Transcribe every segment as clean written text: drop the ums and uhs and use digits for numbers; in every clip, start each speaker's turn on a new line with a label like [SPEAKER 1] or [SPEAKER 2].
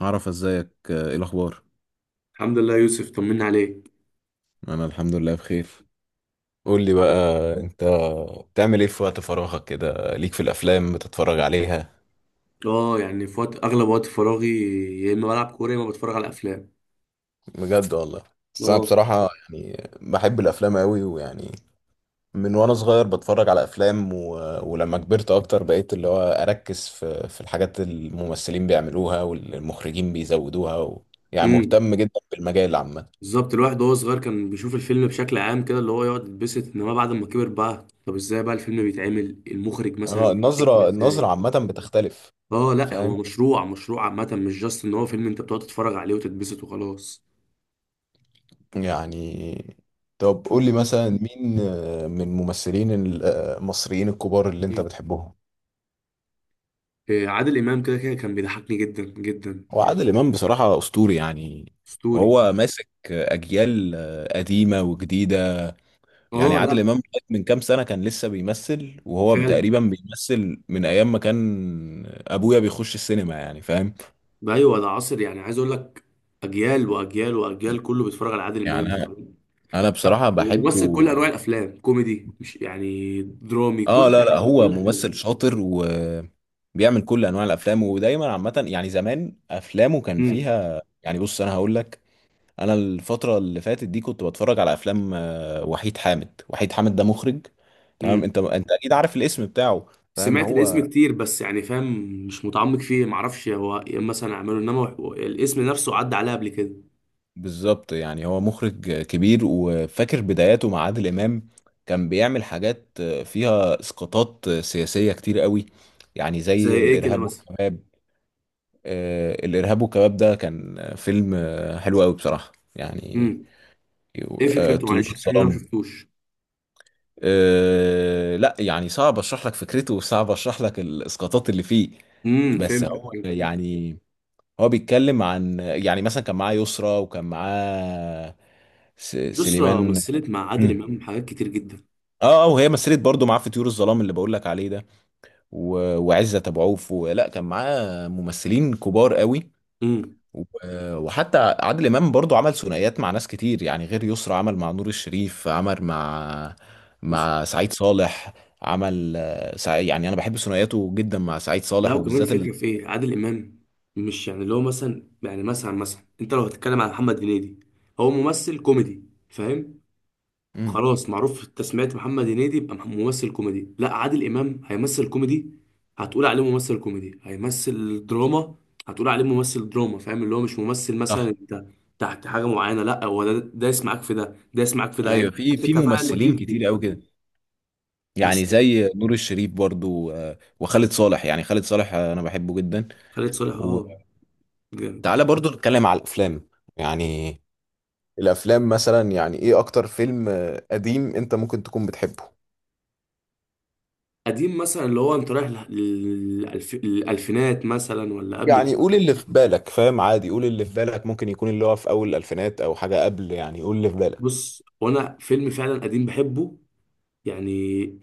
[SPEAKER 1] عرف ازيك، ايه الاخبار؟
[SPEAKER 2] الحمد لله يوسف، طمنا عليك.
[SPEAKER 1] انا الحمد لله بخير. قول لي بقى، انت بتعمل ايه في وقت فراغك كده؟ ليك في الافلام بتتفرج عليها؟
[SPEAKER 2] اه يعني في وقت، اغلب وقت فراغي يا اما بلعب كوره يا اما بتفرج على افلام.
[SPEAKER 1] بجد والله. بس انا
[SPEAKER 2] اه.
[SPEAKER 1] بصراحة يعني بحب الافلام قوي، ويعني من وانا صغير بتفرج على افلام ولما كبرت اكتر بقيت اللي هو اركز في الحاجات الممثلين بيعملوها والمخرجين بيزودوها يعني
[SPEAKER 2] امم.
[SPEAKER 1] مهتم جدا بالمجال عامة.
[SPEAKER 2] بالظبط، الواحد وهو صغير كان بيشوف الفيلم بشكل عام كده، اللي هو يقعد يتبسط، انما بعد ما كبر بقى طب ازاي بقى الفيلم بيتعمل، المخرج مثلا
[SPEAKER 1] اه،
[SPEAKER 2] بيكتب
[SPEAKER 1] النظرة
[SPEAKER 2] ازاي.
[SPEAKER 1] النظرة عامة بتختلف.
[SPEAKER 2] اه لا، هو
[SPEAKER 1] فاهم؟
[SPEAKER 2] مشروع عامه، مش جاست ان هو فيلم انت بتقعد تتفرج عليه وتتبسط وخلاص.
[SPEAKER 1] يعني طب قول لي مثلا، مين، من الممثلين المصريين الكبار اللي انت
[SPEAKER 2] مم.
[SPEAKER 1] بتحبهم؟
[SPEAKER 2] إيه، عادل امام كده كده كان بيضحكني جدا جدا
[SPEAKER 1] هو عادل
[SPEAKER 2] يعني.
[SPEAKER 1] امام بصراحه اسطوري يعني،
[SPEAKER 2] اسطوري.
[SPEAKER 1] وهو ماسك اجيال قديمه وجديده. يعني
[SPEAKER 2] اه،
[SPEAKER 1] عادل
[SPEAKER 2] لا.
[SPEAKER 1] امام لغاية من كام سنه كان لسه بيمثل، وهو
[SPEAKER 2] فعلا.
[SPEAKER 1] تقريبا بيمثل من ايام ما كان ابويا بيخش السينما، يعني فاهم.
[SPEAKER 2] ايوه ده عصر، يعني عايز اقول لك اجيال واجيال واجيال كله بيتفرج على عادل
[SPEAKER 1] يعني انا
[SPEAKER 2] امام.
[SPEAKER 1] أنا
[SPEAKER 2] لا،
[SPEAKER 1] بصراحه بحبه.
[SPEAKER 2] وممثل كل انواع الافلام، كوميدي، مش يعني درامي،
[SPEAKER 1] اه
[SPEAKER 2] كل
[SPEAKER 1] لا لا،
[SPEAKER 2] حاجه
[SPEAKER 1] هو
[SPEAKER 2] كل حاجه.
[SPEAKER 1] ممثل شاطر وبيعمل كل انواع الافلام، ودايما عامه يعني زمان افلامه كان
[SPEAKER 2] امم.
[SPEAKER 1] فيها، يعني بص انا هقول لك. انا الفتره اللي فاتت دي كنت بتفرج على افلام وحيد حامد. وحيد حامد ده مخرج، تمام؟
[SPEAKER 2] امم،
[SPEAKER 1] انت اكيد عارف الاسم بتاعه. فاهم؟
[SPEAKER 2] سمعت الاسم
[SPEAKER 1] هو
[SPEAKER 2] كتير بس يعني فاهم، مش متعمق فيه، معرفش هو إيه مثلا اعمله، انما هو- الاسم نفسه عدى عليا قبل كده.
[SPEAKER 1] بالظبط يعني هو مخرج كبير، وفاكر بداياته مع عادل امام كان بيعمل حاجات فيها اسقاطات سياسيه كتير قوي، يعني
[SPEAKER 2] زي
[SPEAKER 1] زي
[SPEAKER 2] ايه كده
[SPEAKER 1] الارهاب
[SPEAKER 2] مثلا؟
[SPEAKER 1] والكباب. الإرهاب والكباب ده كان فيلم حلو قوي بصراحة يعني.
[SPEAKER 2] امم. ايه فكرته؟
[SPEAKER 1] طيور
[SPEAKER 2] معلش الفيلم ده ما
[SPEAKER 1] الظلام.
[SPEAKER 2] شفتوش.
[SPEAKER 1] لا يعني صعب اشرح لك فكرته، وصعب اشرح لك الاسقاطات اللي فيه.
[SPEAKER 2] امم،
[SPEAKER 1] بس
[SPEAKER 2] فهمت
[SPEAKER 1] هو
[SPEAKER 2] فهمت.
[SPEAKER 1] يعني، هو بيتكلم عن، يعني مثلا كان معاه يسرا، وكان معاه
[SPEAKER 2] يسرا
[SPEAKER 1] سليمان.
[SPEAKER 2] مثلت مع عادل
[SPEAKER 1] مم.
[SPEAKER 2] امام حاجات كتير جدا.
[SPEAKER 1] اه اه، وهي مثلت برضه معاه في طيور الظلام اللي بقول لك عليه ده، وعزت ابو عوف، ولا كان معاه ممثلين كبار قوي.
[SPEAKER 2] امم.
[SPEAKER 1] وحتى عادل امام برضو عمل ثنائيات مع ناس كتير، يعني غير يسرا عمل مع نور الشريف، عمل مع سعيد صالح، عمل يعني انا بحب ثنائياته جدا مع سعيد
[SPEAKER 2] لا
[SPEAKER 1] صالح،
[SPEAKER 2] وكمان
[SPEAKER 1] وبالذات
[SPEAKER 2] الفكرة في ايه عادل امام، مش يعني اللي هو مثلا يعني مثلا انت لو هتتكلم على محمد هنيدي، هو ممثل كوميدي، فاهم؟
[SPEAKER 1] مم.
[SPEAKER 2] خلاص معروف في التسميات، محمد هنيدي يبقى مح- ممثل كوميدي. لا، عادل امام هيمثل كوميدي هتقول عليه ممثل كوميدي، هيمثل دراما هتقول عليه ممثل دراما، فاهم؟ اللي هو مش ممثل مثلا
[SPEAKER 1] صح،
[SPEAKER 2] انت تحت حاجة معينة، لا هو ده يسمعك في ده ده يسمعك في ده،
[SPEAKER 1] ايوه،
[SPEAKER 2] هيديك
[SPEAKER 1] في
[SPEAKER 2] نفس
[SPEAKER 1] في
[SPEAKER 2] الكفاءة اللي في
[SPEAKER 1] ممثلين
[SPEAKER 2] دي في
[SPEAKER 1] كتير قوي
[SPEAKER 2] دي.
[SPEAKER 1] كده،
[SPEAKER 2] بس
[SPEAKER 1] يعني زي نور الشريف برضو، وخالد صالح. يعني خالد صالح انا بحبه جدا.
[SPEAKER 2] خالد صالح، اه.
[SPEAKER 1] وتعالى برضو نتكلم على الافلام. يعني الافلام مثلا، يعني ايه اكتر فيلم قديم انت ممكن تكون بتحبه؟
[SPEAKER 2] قديم مثلا اللي هو انت رايح للألف... للألفينات مثلا ولا قبل
[SPEAKER 1] يعني قول
[SPEAKER 2] كده؟
[SPEAKER 1] اللي في بالك، فاهم عادي، قول اللي في بالك، ممكن يكون اللي هو في اول الالفينات او حاجه قبل، يعني قول اللي في بالك.
[SPEAKER 2] بص، وانا فيلم فعلا قديم بحبه، يعني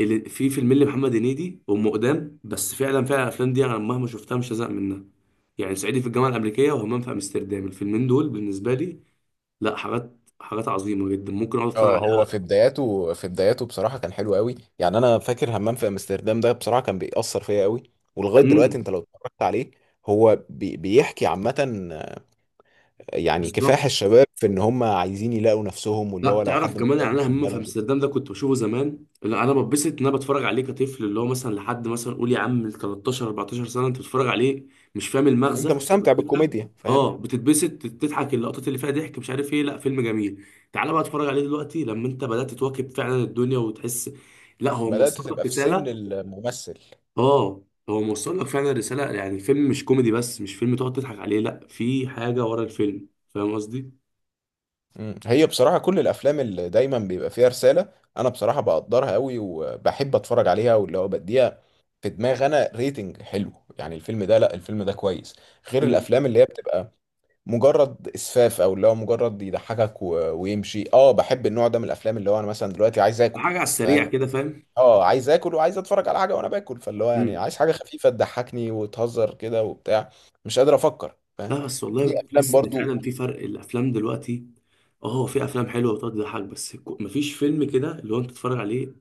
[SPEAKER 2] اللي في فيلم اللي محمد هنيدي، ام قدام، بس فعلا الافلام دي انا مهما شفتها مش هزهق منها، يعني صعيدي في الجامعه الامريكيه وهمام في امستردام، الفيلمين دول بالنسبه لي لا، حاجات عظيمه جدا ممكن اقعد اتفرج
[SPEAKER 1] اه، هو
[SPEAKER 2] عليها.
[SPEAKER 1] في بداياته بصراحة كان حلو قوي. يعني انا فاكر همام في امستردام ده بصراحة كان بيأثر فيا قوي، ولغاية دلوقتي
[SPEAKER 2] امم.
[SPEAKER 1] انت لو اتفرجت عليه. هو بيحكي عامة يعني كفاح
[SPEAKER 2] بالظبط.
[SPEAKER 1] الشباب في ان هم عايزين يلاقوا نفسهم،
[SPEAKER 2] لا
[SPEAKER 1] واللي هو لو
[SPEAKER 2] تعرف
[SPEAKER 1] حد مش
[SPEAKER 2] كمان، يعني
[SPEAKER 1] لاقي
[SPEAKER 2] انا
[SPEAKER 1] نفسه في
[SPEAKER 2] همام في
[SPEAKER 1] بلده.
[SPEAKER 2] امستردام ده كنت بشوفه زمان، لا انا بتبسط ان انا بتفرج عليه كطفل، اللي هو مثلا لحد مثلا قول يا عم 13 14 سنه، انت بتتفرج عليه مش فاهم
[SPEAKER 1] انت
[SPEAKER 2] المغزى
[SPEAKER 1] مستمتع
[SPEAKER 2] والفكره.
[SPEAKER 1] بالكوميديا، فاهم.
[SPEAKER 2] اه بتتبسط تضحك، اللقطات اللي فيها ضحك، مش عارف ايه، لا فيلم جميل. تعالى بقى اتفرج عليه دلوقتي لما انت بدات تواكب فعلا الدنيا وتحس، لا هو
[SPEAKER 1] بدأت
[SPEAKER 2] موصل لك
[SPEAKER 1] تبقى في سن
[SPEAKER 2] رساله.
[SPEAKER 1] الممثل.
[SPEAKER 2] اه هو موصل لك فعلا رساله، يعني الفيلم مش كوميدي بس، مش فيلم تقعد تضحك عليه، لا في حاجه ورا الفيلم، فاهم قصدي؟
[SPEAKER 1] هي بصراحة كل الأفلام اللي دايما بيبقى فيها رسالة، أنا بصراحة بقدرها قوي وبحب أتفرج عليها، واللي هو بديها في دماغ أنا ريتنج حلو، يعني الفيلم ده لا، الفيلم ده كويس، غير
[SPEAKER 2] مم.
[SPEAKER 1] الأفلام اللي هي بتبقى مجرد إسفاف، أو اللي هو مجرد يضحكك ويمشي. أه بحب النوع ده من الأفلام، اللي هو أنا مثلا دلوقتي عايز آكل،
[SPEAKER 2] حاجه على السريع
[SPEAKER 1] فاهم؟
[SPEAKER 2] كده فاهم؟
[SPEAKER 1] أه عايز آكل وعايز أتفرج على حاجة وأنا باكل، فاللي هو يعني
[SPEAKER 2] مم.
[SPEAKER 1] عايز حاجة خفيفة تضحكني وتهزر كده وبتاع. مش قادر أفكر، فاهم.
[SPEAKER 2] لا بس والله
[SPEAKER 1] في أفلام
[SPEAKER 2] بتحس ان
[SPEAKER 1] برضو.
[SPEAKER 2] فعلا في فرق الافلام دلوقتي. اه هو في افلام حلوه بتقعد تضحك بس، كو- مفيش فيلم كده اللي هو انت تتفرج عليه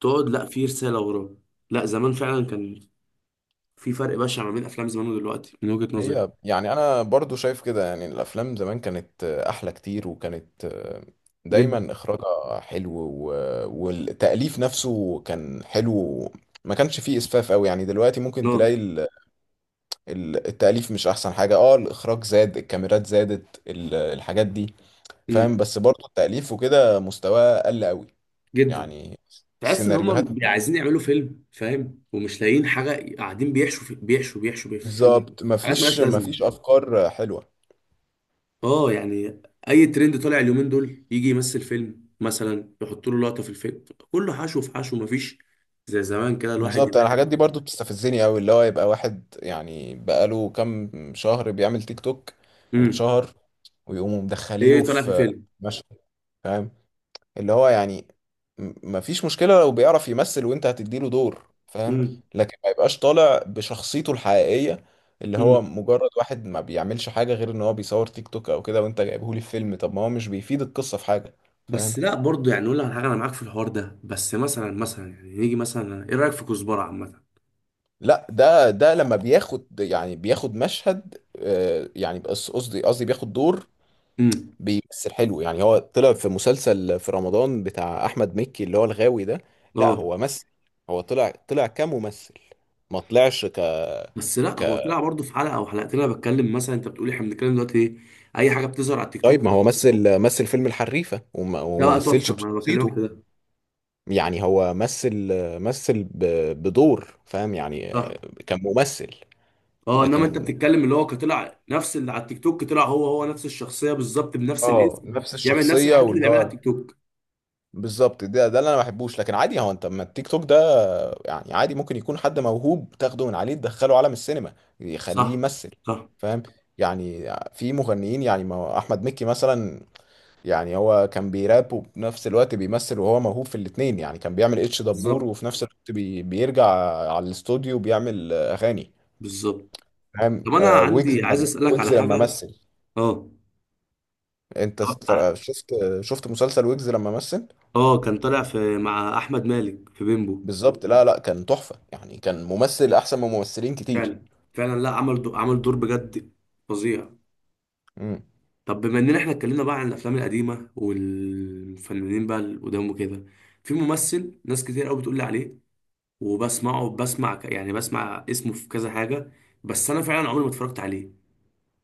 [SPEAKER 2] تقعد، لا في رساله وراه. لا زمان فعلا كان في فرق بشع ما بين افلام زمان ودلوقتي من وجهه نظري.
[SPEAKER 1] هي يعني انا برضو شايف كده، يعني الافلام زمان كانت احلى كتير، وكانت
[SPEAKER 2] جدا.
[SPEAKER 1] دايما اخراجها حلو، والتاليف نفسه كان حلو. ما كانش فيه اسفاف قوي، يعني دلوقتي ممكن
[SPEAKER 2] اه.
[SPEAKER 1] تلاقي التاليف مش احسن حاجه. اه الاخراج زاد، الكاميرات زادت، الحاجات دي،
[SPEAKER 2] امم.
[SPEAKER 1] فاهم. بس برضو التاليف وكده مستواه قل قوي،
[SPEAKER 2] جدا.
[SPEAKER 1] يعني
[SPEAKER 2] تحس ان
[SPEAKER 1] السيناريوهات
[SPEAKER 2] هم عايزين يعملوا فيلم، فاهم، ومش لاقيين حاجه، قاعدين بيحشوا في الفيلم
[SPEAKER 1] بالظبط،
[SPEAKER 2] حاجات
[SPEAKER 1] مفيش
[SPEAKER 2] ملهاش لازمه.
[SPEAKER 1] مفيش افكار حلوه.
[SPEAKER 2] اه يعني اي ترند طالع اليومين دول يجي يمثل فيلم، مثلا يحط له لقطه في الفيلم، كله حشو في حشو، مفيش زي زمان كده الواحد
[SPEAKER 1] بالظبط،
[SPEAKER 2] يبقى.
[SPEAKER 1] انا الحاجات دي برضو بتستفزني قوي، اللي هو يبقى واحد يعني بقاله كام شهر بيعمل تيك توك
[SPEAKER 2] امم.
[SPEAKER 1] واتشهر، ويقوموا مدخلينه
[SPEAKER 2] ايه طالع في
[SPEAKER 1] في
[SPEAKER 2] فيلم.
[SPEAKER 1] مشهد. فاهم؟ اللي هو يعني، مفيش مشكلة لو بيعرف يمثل وانت هتديله دور، فاهم،
[SPEAKER 2] امم.
[SPEAKER 1] لكن ما يبقاش طالع بشخصيته الحقيقية، اللي هو
[SPEAKER 2] امم.
[SPEAKER 1] مجرد واحد ما بيعملش حاجة غير ان هو بيصور تيك توك او كده، وانت جايبهولي في فيلم؟ طب ما هو مش بيفيد القصة في حاجة، فاهم.
[SPEAKER 2] بس لا برضه يعني نقول لك على حاجه، انا معاك في الحوار ده، بس مثلا مثلا يعني نيجي مثلا ايه رايك في كزبره عامه؟
[SPEAKER 1] لا ده لما بياخد يعني بياخد مشهد، يعني بس قصدي بياخد دور
[SPEAKER 2] امم.
[SPEAKER 1] بيمثل حلو. يعني هو طلع في مسلسل في رمضان بتاع احمد مكي، اللي هو الغاوي ده. لا
[SPEAKER 2] اه
[SPEAKER 1] هو مثل، هو طلع كممثل، ما طلعش ك،
[SPEAKER 2] بس لا هو
[SPEAKER 1] ك
[SPEAKER 2] طلع برضه في حلقه او حلقتين، انا بتكلم مثلا انت بتقولي احنا بنتكلم دلوقتي، ايه اي حاجه بتظهر على التيك
[SPEAKER 1] طيب
[SPEAKER 2] توك.
[SPEAKER 1] ما هو مثل فيلم الحريفة، وما,
[SPEAKER 2] ده
[SPEAKER 1] وما
[SPEAKER 2] بقى
[SPEAKER 1] مثلش
[SPEAKER 2] تحفه، ما انا بكلمك في
[SPEAKER 1] بشخصيته.
[SPEAKER 2] ده.
[SPEAKER 1] يعني هو مثل بدور، فاهم يعني.
[SPEAKER 2] صح.
[SPEAKER 1] كان ممثل
[SPEAKER 2] اه، انما انت
[SPEAKER 1] لكن.
[SPEAKER 2] بتتكلم اللي هو كطلع نفس اللي على التيك توك، طلع هو نفس الشخصيه بالظبط بنفس
[SPEAKER 1] اه
[SPEAKER 2] الاسم،
[SPEAKER 1] نفس
[SPEAKER 2] بيعمل نفس
[SPEAKER 1] الشخصية
[SPEAKER 2] الحاجات اللي
[SPEAKER 1] واللي
[SPEAKER 2] بيعملها على
[SPEAKER 1] هو
[SPEAKER 2] التيك توك.
[SPEAKER 1] بالظبط، ده ده اللي انا ما بحبوش، لكن عادي هو انت ما التيك توك ده يعني عادي، ممكن يكون حد موهوب تاخده من عليه تدخله عالم السينما، يخليه
[SPEAKER 2] صح.
[SPEAKER 1] يمثل،
[SPEAKER 2] صح.
[SPEAKER 1] فاهم. يعني في مغنيين، يعني ما احمد مكي مثلا، يعني هو كان بيراب وفي نفس الوقت بيمثل، وهو موهوب في الاتنين. يعني كان بيعمل اتش دبور
[SPEAKER 2] بالظبط.
[SPEAKER 1] وفي نفس الوقت بيرجع على الاستوديو بيعمل اغاني،
[SPEAKER 2] بالظبط.
[SPEAKER 1] فاهم.
[SPEAKER 2] طب انا
[SPEAKER 1] ويجز.
[SPEAKER 2] عندي عايز اسالك
[SPEAKER 1] ويجز
[SPEAKER 2] على
[SPEAKER 1] لما
[SPEAKER 2] حاجه.
[SPEAKER 1] مثل،
[SPEAKER 2] اه.
[SPEAKER 1] انت
[SPEAKER 2] اه.
[SPEAKER 1] شفت مسلسل ويجز لما مثل؟
[SPEAKER 2] اه، كان طالع في مع احمد مالك في بيمبو.
[SPEAKER 1] بالظبط، لا لا، كان تحفة يعني، كان ممثل أحسن من ممثلين كتير.
[SPEAKER 2] فعلا. فعلا، لا عمل دو... عمل دور بجد فظيع.
[SPEAKER 1] امم
[SPEAKER 2] طب بما اننا احنا اتكلمنا بقى عن الافلام القديمه والفنانين بقى اللي قدام وكده، في ممثل ناس كتير قوي بتقول لي عليه، وبسمعه بسمع ك- يعني بسمع اسمه في كذا حاجة، بس أنا فعلا عمري ما اتفرجت عليه،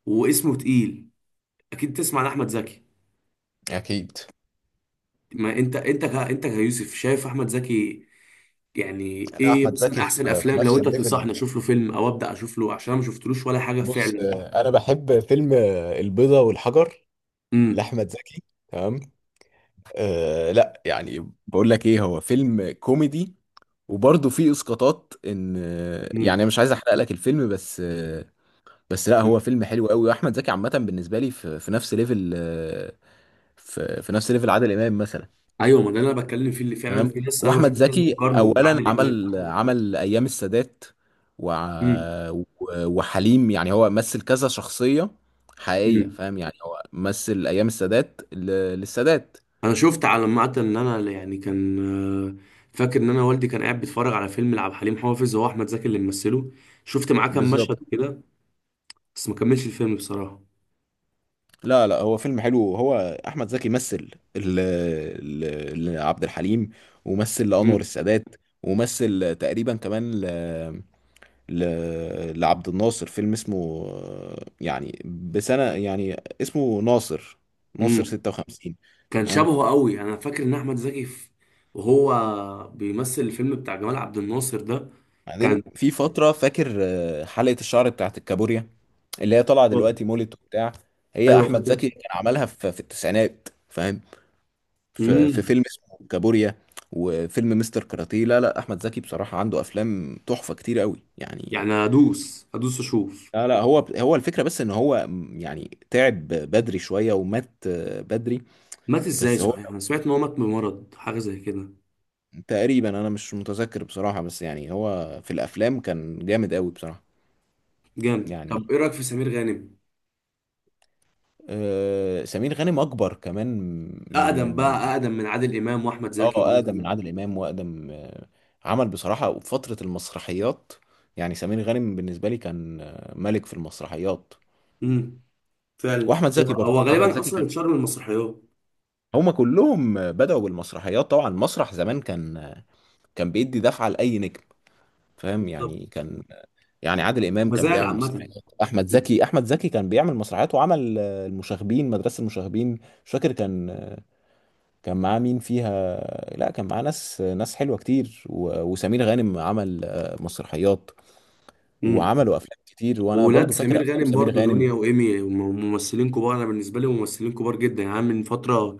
[SPEAKER 2] واسمه تقيل، أكيد تسمع عن أحمد زكي.
[SPEAKER 1] أكيد.
[SPEAKER 2] ما أنت ك... أنت كيوسف شايف أحمد زكي، يعني
[SPEAKER 1] أنا
[SPEAKER 2] إيه
[SPEAKER 1] أحمد
[SPEAKER 2] مثلا
[SPEAKER 1] زكي
[SPEAKER 2] أحسن
[SPEAKER 1] في
[SPEAKER 2] الأفلام لو
[SPEAKER 1] نفس
[SPEAKER 2] أنت
[SPEAKER 1] الليفل.
[SPEAKER 2] تنصحني أشوف له فيلم أو أبدأ أشوف له، عشان أنا ما شفتلوش ولا حاجة
[SPEAKER 1] بص،
[SPEAKER 2] فعلا.
[SPEAKER 1] أنا بحب فيلم البيضة والحجر
[SPEAKER 2] امم.
[SPEAKER 1] لأحمد زكي، تمام. أه لا يعني بقول لك إيه، هو فيلم كوميدي، وبرضه فيه إسقاطات، إن يعني
[SPEAKER 2] امم.
[SPEAKER 1] مش عايز أحرق لك الفيلم بس، بس لا
[SPEAKER 2] أمم.
[SPEAKER 1] هو فيلم حلو قوي. وأحمد زكي عامة بالنسبة لي في، في, نفس ليفل، في نفس ليفل عادل إمام مثلا.
[SPEAKER 2] أيوه، ما ده اللي أنا بتكلم فيه، اللي فعلا
[SPEAKER 1] تمام.
[SPEAKER 2] في ناس، أنا
[SPEAKER 1] واحمد
[SPEAKER 2] بشوف ناس
[SPEAKER 1] زكي
[SPEAKER 2] بتقارنه
[SPEAKER 1] اولا
[SPEAKER 2] بعادل إمام.
[SPEAKER 1] عمل ايام السادات،
[SPEAKER 2] امم.
[SPEAKER 1] وع- و- وحليم. يعني هو مثل كذا شخصيه حقيقيه،
[SPEAKER 2] امم.
[SPEAKER 1] فاهم. يعني هو مثل ايام السادات للسادات.
[SPEAKER 2] انا شفت على المعتل ان انا يعني كان، آه، فاكر ان انا والدي كان قاعد بيتفرج على فيلم لعبد الحليم حافظ هو احمد زكي اللي ممثله، شفت معاه كام مشهد
[SPEAKER 1] بالظبط.
[SPEAKER 2] كده بس ما كملش الفيلم بصراحه.
[SPEAKER 1] لا لا، هو فيلم حلو. هو احمد زكي مثل ل- لعبد الحليم، ومثل لانور
[SPEAKER 2] امم.
[SPEAKER 1] السادات، ومثل تقريبا كمان ل... لعبد الناصر. فيلم اسمه يعني بسنة يعني، اسمه ناصر
[SPEAKER 2] امم.
[SPEAKER 1] 56.
[SPEAKER 2] كان
[SPEAKER 1] تمام.
[SPEAKER 2] شبهه قوي، انا فاكر ان احمد زكي في، وهو بيمثل الفيلم بتاع جمال عبد الناصر ده، كان.
[SPEAKER 1] بعدين في فترة فاكر حلقة الشعر بتاعت الكابوريا، اللي هي طالعة دلوقتي مولد وبتاع، هي
[SPEAKER 2] ايوه
[SPEAKER 1] أحمد
[SPEAKER 2] فاكر.
[SPEAKER 1] زكي كان عملها في, التسعينات، فاهم. في
[SPEAKER 2] امم.
[SPEAKER 1] فيلم اسمه كابوريا، وفيلم مستر كاراتيه. لا لا أحمد زكي بصراحة عنده أفلام تحفة كتير قوي يعني.
[SPEAKER 2] يعني هدوس هدوس اشوف.
[SPEAKER 1] لا لا هو، هو الفكرة بس إن هو يعني تعب بدري شوية ومات بدري.
[SPEAKER 2] مات ازاي
[SPEAKER 1] بس هو
[SPEAKER 2] صحيح؟ انا سمعت ان هو مات بمرض حاجه زي كده.
[SPEAKER 1] تقريبا انا مش متذكر بصراحة، بس يعني هو في الافلام كان جامد قوي بصراحة.
[SPEAKER 2] جامد.
[SPEAKER 1] يعني
[SPEAKER 2] طب ايه رايك في سمير غانم؟
[SPEAKER 1] سمير غانم اكبر كمان، من
[SPEAKER 2] اقدم بقى،
[SPEAKER 1] من-
[SPEAKER 2] اقدم من عادل امام واحمد زكي
[SPEAKER 1] اه
[SPEAKER 2] والناس
[SPEAKER 1] اقدم
[SPEAKER 2] دي.
[SPEAKER 1] من عادل امام، واقدم عمل بصراحة فترة المسرحيات. يعني سمير غانم بالنسبة لي كان ملك في المسرحيات.
[SPEAKER 2] امم. فعلا،
[SPEAKER 1] واحمد
[SPEAKER 2] هو
[SPEAKER 1] زكي
[SPEAKER 2] هو
[SPEAKER 1] برضو، احمد
[SPEAKER 2] غالبا
[SPEAKER 1] زكي
[SPEAKER 2] اصلا
[SPEAKER 1] كان،
[SPEAKER 2] اتشهر من المسرحيات.
[SPEAKER 1] هما كلهم بدأوا بالمسرحيات. طبعا المسرح زمان كان، كان بيدي دفعة لأي نجم، فاهم،
[SPEAKER 2] بالظبط.
[SPEAKER 1] يعني كان، يعني عادل امام كان
[SPEAKER 2] مزايا
[SPEAKER 1] بيعمل
[SPEAKER 2] عامه.
[SPEAKER 1] مسرحيات، احمد زكي كان بيعمل مسرحيات، وعمل مدرسه المشاغبين. مش فاكر، كان معاه مين فيها. لا كان معاه ناس حلوه كتير، وسمير غانم عمل مسرحيات،
[SPEAKER 2] امم.
[SPEAKER 1] وعملوا افلام كتير، وانا
[SPEAKER 2] وولاد
[SPEAKER 1] برضو فاكر
[SPEAKER 2] سمير
[SPEAKER 1] افلام
[SPEAKER 2] غانم
[SPEAKER 1] سمير
[SPEAKER 2] برضو، دنيا
[SPEAKER 1] غانم.
[SPEAKER 2] وايمي، وم- ممثلين كبار، انا بالنسبه لي ممثلين كبار جدا، يعني من فتره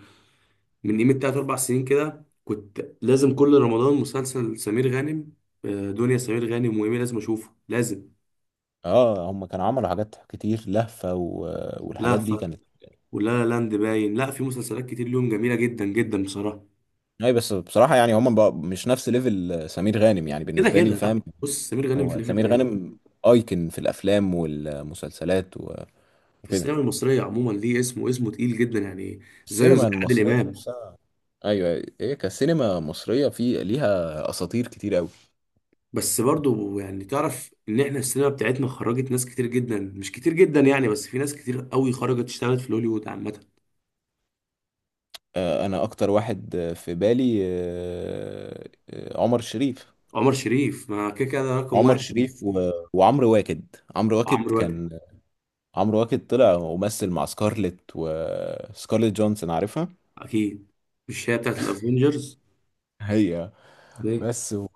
[SPEAKER 2] من قيمه تلات اربع سنين كده، كنت لازم كل رمضان مسلسل سمير غانم، دنيا سمير غانم وايمي، لازم اشوفه لازم.
[SPEAKER 1] اه هم كانوا عملوا حاجات كتير لهفه، والحاجات دي
[SPEAKER 2] لهفة،
[SPEAKER 1] كانت.
[SPEAKER 2] ولا لا لاند باين، لا في مسلسلات كتير ليهم جميله جدا جدا بصراحه.
[SPEAKER 1] اي، بس بصراحه يعني هم بقى مش نفس ليفل سمير غانم يعني
[SPEAKER 2] كده
[SPEAKER 1] بالنسبه لي،
[SPEAKER 2] كده،
[SPEAKER 1] فاهم.
[SPEAKER 2] لا بص سمير غانم في
[SPEAKER 1] هو
[SPEAKER 2] ليفل
[SPEAKER 1] سمير
[SPEAKER 2] تاني،
[SPEAKER 1] غانم ايكن في الافلام والمسلسلات، وكده.
[SPEAKER 2] السينما المصرية عموما ليه، اسمه اسمه تقيل جدا يعني، زيه زي
[SPEAKER 1] السينما
[SPEAKER 2] عادل
[SPEAKER 1] المصرية
[SPEAKER 2] إمام.
[SPEAKER 1] نفسها. ايوه أيوة. ايه، كسينما مصرية في ليها اساطير كتير قوي.
[SPEAKER 2] بس برضه يعني تعرف إن إحنا السينما بتاعتنا خرجت ناس كتير جدا، مش كتير جدا يعني، بس في ناس كتير قوي خرجت اشتغلت في هوليوود عامة.
[SPEAKER 1] انا اكتر واحد في بالي عمر شريف،
[SPEAKER 2] عمر شريف، ما كده كده ده رقم
[SPEAKER 1] عمر
[SPEAKER 2] واحد.
[SPEAKER 1] شريف وعمرو واكد. عمرو واكد
[SPEAKER 2] وعمرو واكد.
[SPEAKER 1] كان عمرو واكد طلع ومثل مع سكارلت جونسون، عارفها؟
[SPEAKER 2] أكيد. مش هي بتاعت الأفينجرز؟
[SPEAKER 1] هي.
[SPEAKER 2] ليه؟
[SPEAKER 1] بس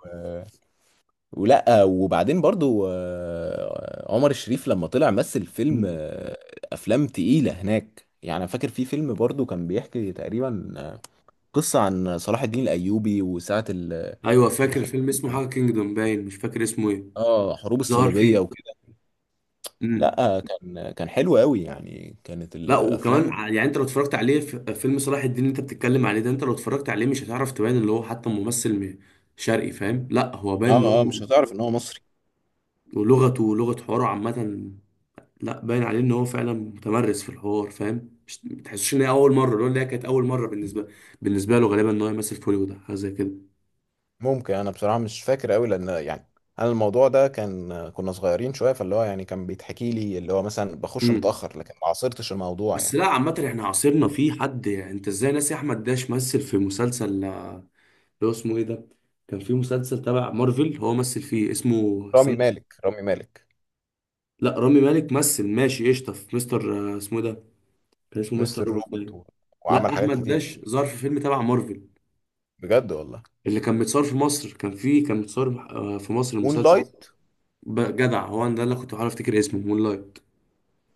[SPEAKER 1] ولا، وبعدين برضو عمر الشريف لما طلع مثل فيلم،
[SPEAKER 2] مم.
[SPEAKER 1] افلام تقيلة هناك يعني. أنا فاكر في فيلم برضو كان بيحكي تقريبا قصة عن صلاح الدين الايوبي، وساعة
[SPEAKER 2] أيوه فاكر
[SPEAKER 1] الحروب.
[SPEAKER 2] فيلم اسمه حاجة كينجدوم باين، مش فاكر اسمه إيه،
[SPEAKER 1] اه حروب
[SPEAKER 2] ظهر
[SPEAKER 1] الصليبية
[SPEAKER 2] فيه.
[SPEAKER 1] وكده.
[SPEAKER 2] مم.
[SPEAKER 1] لا كان حلو قوي يعني، كانت
[SPEAKER 2] لا وكمان
[SPEAKER 1] الافلام
[SPEAKER 2] ع- يعني انت لو اتفرجت عليه في فيلم صلاح الدين اللي انت بتتكلم عليه ده، انت لو اتفرجت عليه مش هتعرف تبان اللي هو حتى ممثل م- شرقي، فاهم، لا هو باين اللي
[SPEAKER 1] اه
[SPEAKER 2] هو،
[SPEAKER 1] مش هتعرف ان هو مصري.
[SPEAKER 2] ولغته ولغة حواره عامة، لا باين عليه ان هو فعلا متمرس في الحوار، فاهم، مش ما تحسش ان هي اول مرة، اللي هو اللي هي كانت اول مرة بالنسبة، بالنسبة له غالبا ان هو يمثل في هوليوود أو حاجة زي كده.
[SPEAKER 1] ممكن، انا بصراحة مش فاكر قوي لان يعني انا الموضوع ده كان، كنا صغيرين شوية، فاللي هو يعني كان بيتحكي لي اللي هو مثلا بخش
[SPEAKER 2] امم.
[SPEAKER 1] متأخر، لكن ما عاصرتش الموضوع
[SPEAKER 2] بس
[SPEAKER 1] يعني.
[SPEAKER 2] لا عامة احنا عاصرنا في حد، يعني انت ازاي ناسي احمد داش مثل في مسلسل، اللي هو اسمه ايه ده، كان في مسلسل تبع مارفل هو مثل فيه اسمه.
[SPEAKER 1] رامي مالك
[SPEAKER 2] لا رامي مالك مثل ماشي قشطه في مستر، اسمه إيه ده، كان اسمه مستر
[SPEAKER 1] مستر
[SPEAKER 2] روبوت
[SPEAKER 1] روبوت
[SPEAKER 2] باين.
[SPEAKER 1] وعمل
[SPEAKER 2] لا
[SPEAKER 1] حاجات
[SPEAKER 2] احمد
[SPEAKER 1] كتير.
[SPEAKER 2] داش ظهر في فيلم تبع مارفل،
[SPEAKER 1] بجد والله.
[SPEAKER 2] اللي كان متصور في مصر، كان فيه كان متصور، في مصر
[SPEAKER 1] مون
[SPEAKER 2] المسلسل.
[SPEAKER 1] لايت.
[SPEAKER 2] ب- جدع هو، أنا ده اللي كنت بعرف افتكر اسمه مون لايت.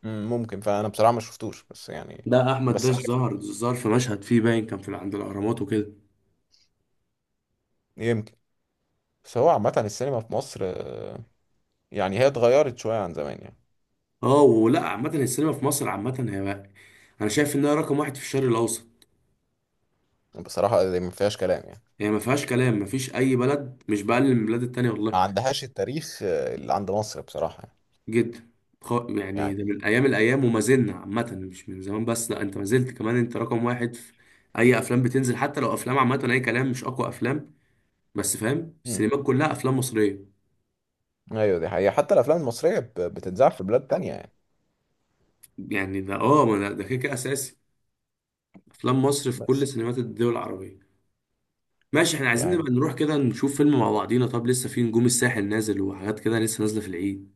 [SPEAKER 1] ممكن، فانا بصراحه ما شفتوش بس يعني.
[SPEAKER 2] ده احمد
[SPEAKER 1] بس
[SPEAKER 2] داش
[SPEAKER 1] عارف،
[SPEAKER 2] ظهر في مشهد فيه باين كان في ال- عند الاهرامات وكده.
[SPEAKER 1] يمكن. بس هو عامه السينما في مصر، يعني هي اتغيرت شويه عن زمان يعني.
[SPEAKER 2] اه ولا عامه السينما في مصر عامه، هي بقى انا شايف انها رقم واحد في الشرق الاوسط.
[SPEAKER 1] بصراحه دي ما فيهاش كلام يعني،
[SPEAKER 2] يعني ما فيهاش كلام، ما فيش اي بلد، مش بقلل من البلاد التانية
[SPEAKER 1] ما
[SPEAKER 2] والله.
[SPEAKER 1] عندهاش التاريخ اللي عند مصر بصراحه
[SPEAKER 2] جدا. خ- يعني ده
[SPEAKER 1] يعني.
[SPEAKER 2] من ايام الايام، وما زلنا عامه، مش من زمان بس، لا انت ما زلت كمان، انت رقم واحد في اي افلام بتنزل، حتى لو افلام عامه اي كلام، مش اقوى افلام، بس فاهم،
[SPEAKER 1] مم.
[SPEAKER 2] السينمات كلها افلام مصريه.
[SPEAKER 1] ايوه دي حقيقه، حتى الافلام المصريه بتتذاع في بلاد تانية يعني.
[SPEAKER 2] يعني ده اه، ما ده ده كده كده اساسي، افلام مصر في كل
[SPEAKER 1] بس
[SPEAKER 2] سينمات الدول العربيه. ماشي، احنا عايزين
[SPEAKER 1] يعني
[SPEAKER 2] نبقى نروح كده نشوف فيلم مع بعضينا. طب لسه في نجوم الساحل نازل، وحاجات كده لسه نازله في العيد.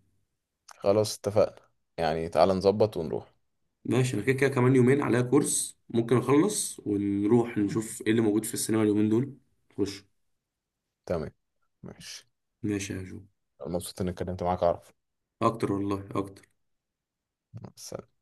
[SPEAKER 1] خلاص اتفقنا، يعني تعالى نظبط ونروح.
[SPEAKER 2] ماشي، انا كده كده كمان يومين عليا كورس، ممكن اخلص ونروح نشوف ايه اللي موجود في السينما اليومين دول. خش.
[SPEAKER 1] تمام، ماشي.
[SPEAKER 2] ماشي يا جو.
[SPEAKER 1] مبسوط اني اتكلمت معاك، اعرف.
[SPEAKER 2] اكتر والله اكتر.
[SPEAKER 1] مع السلامة.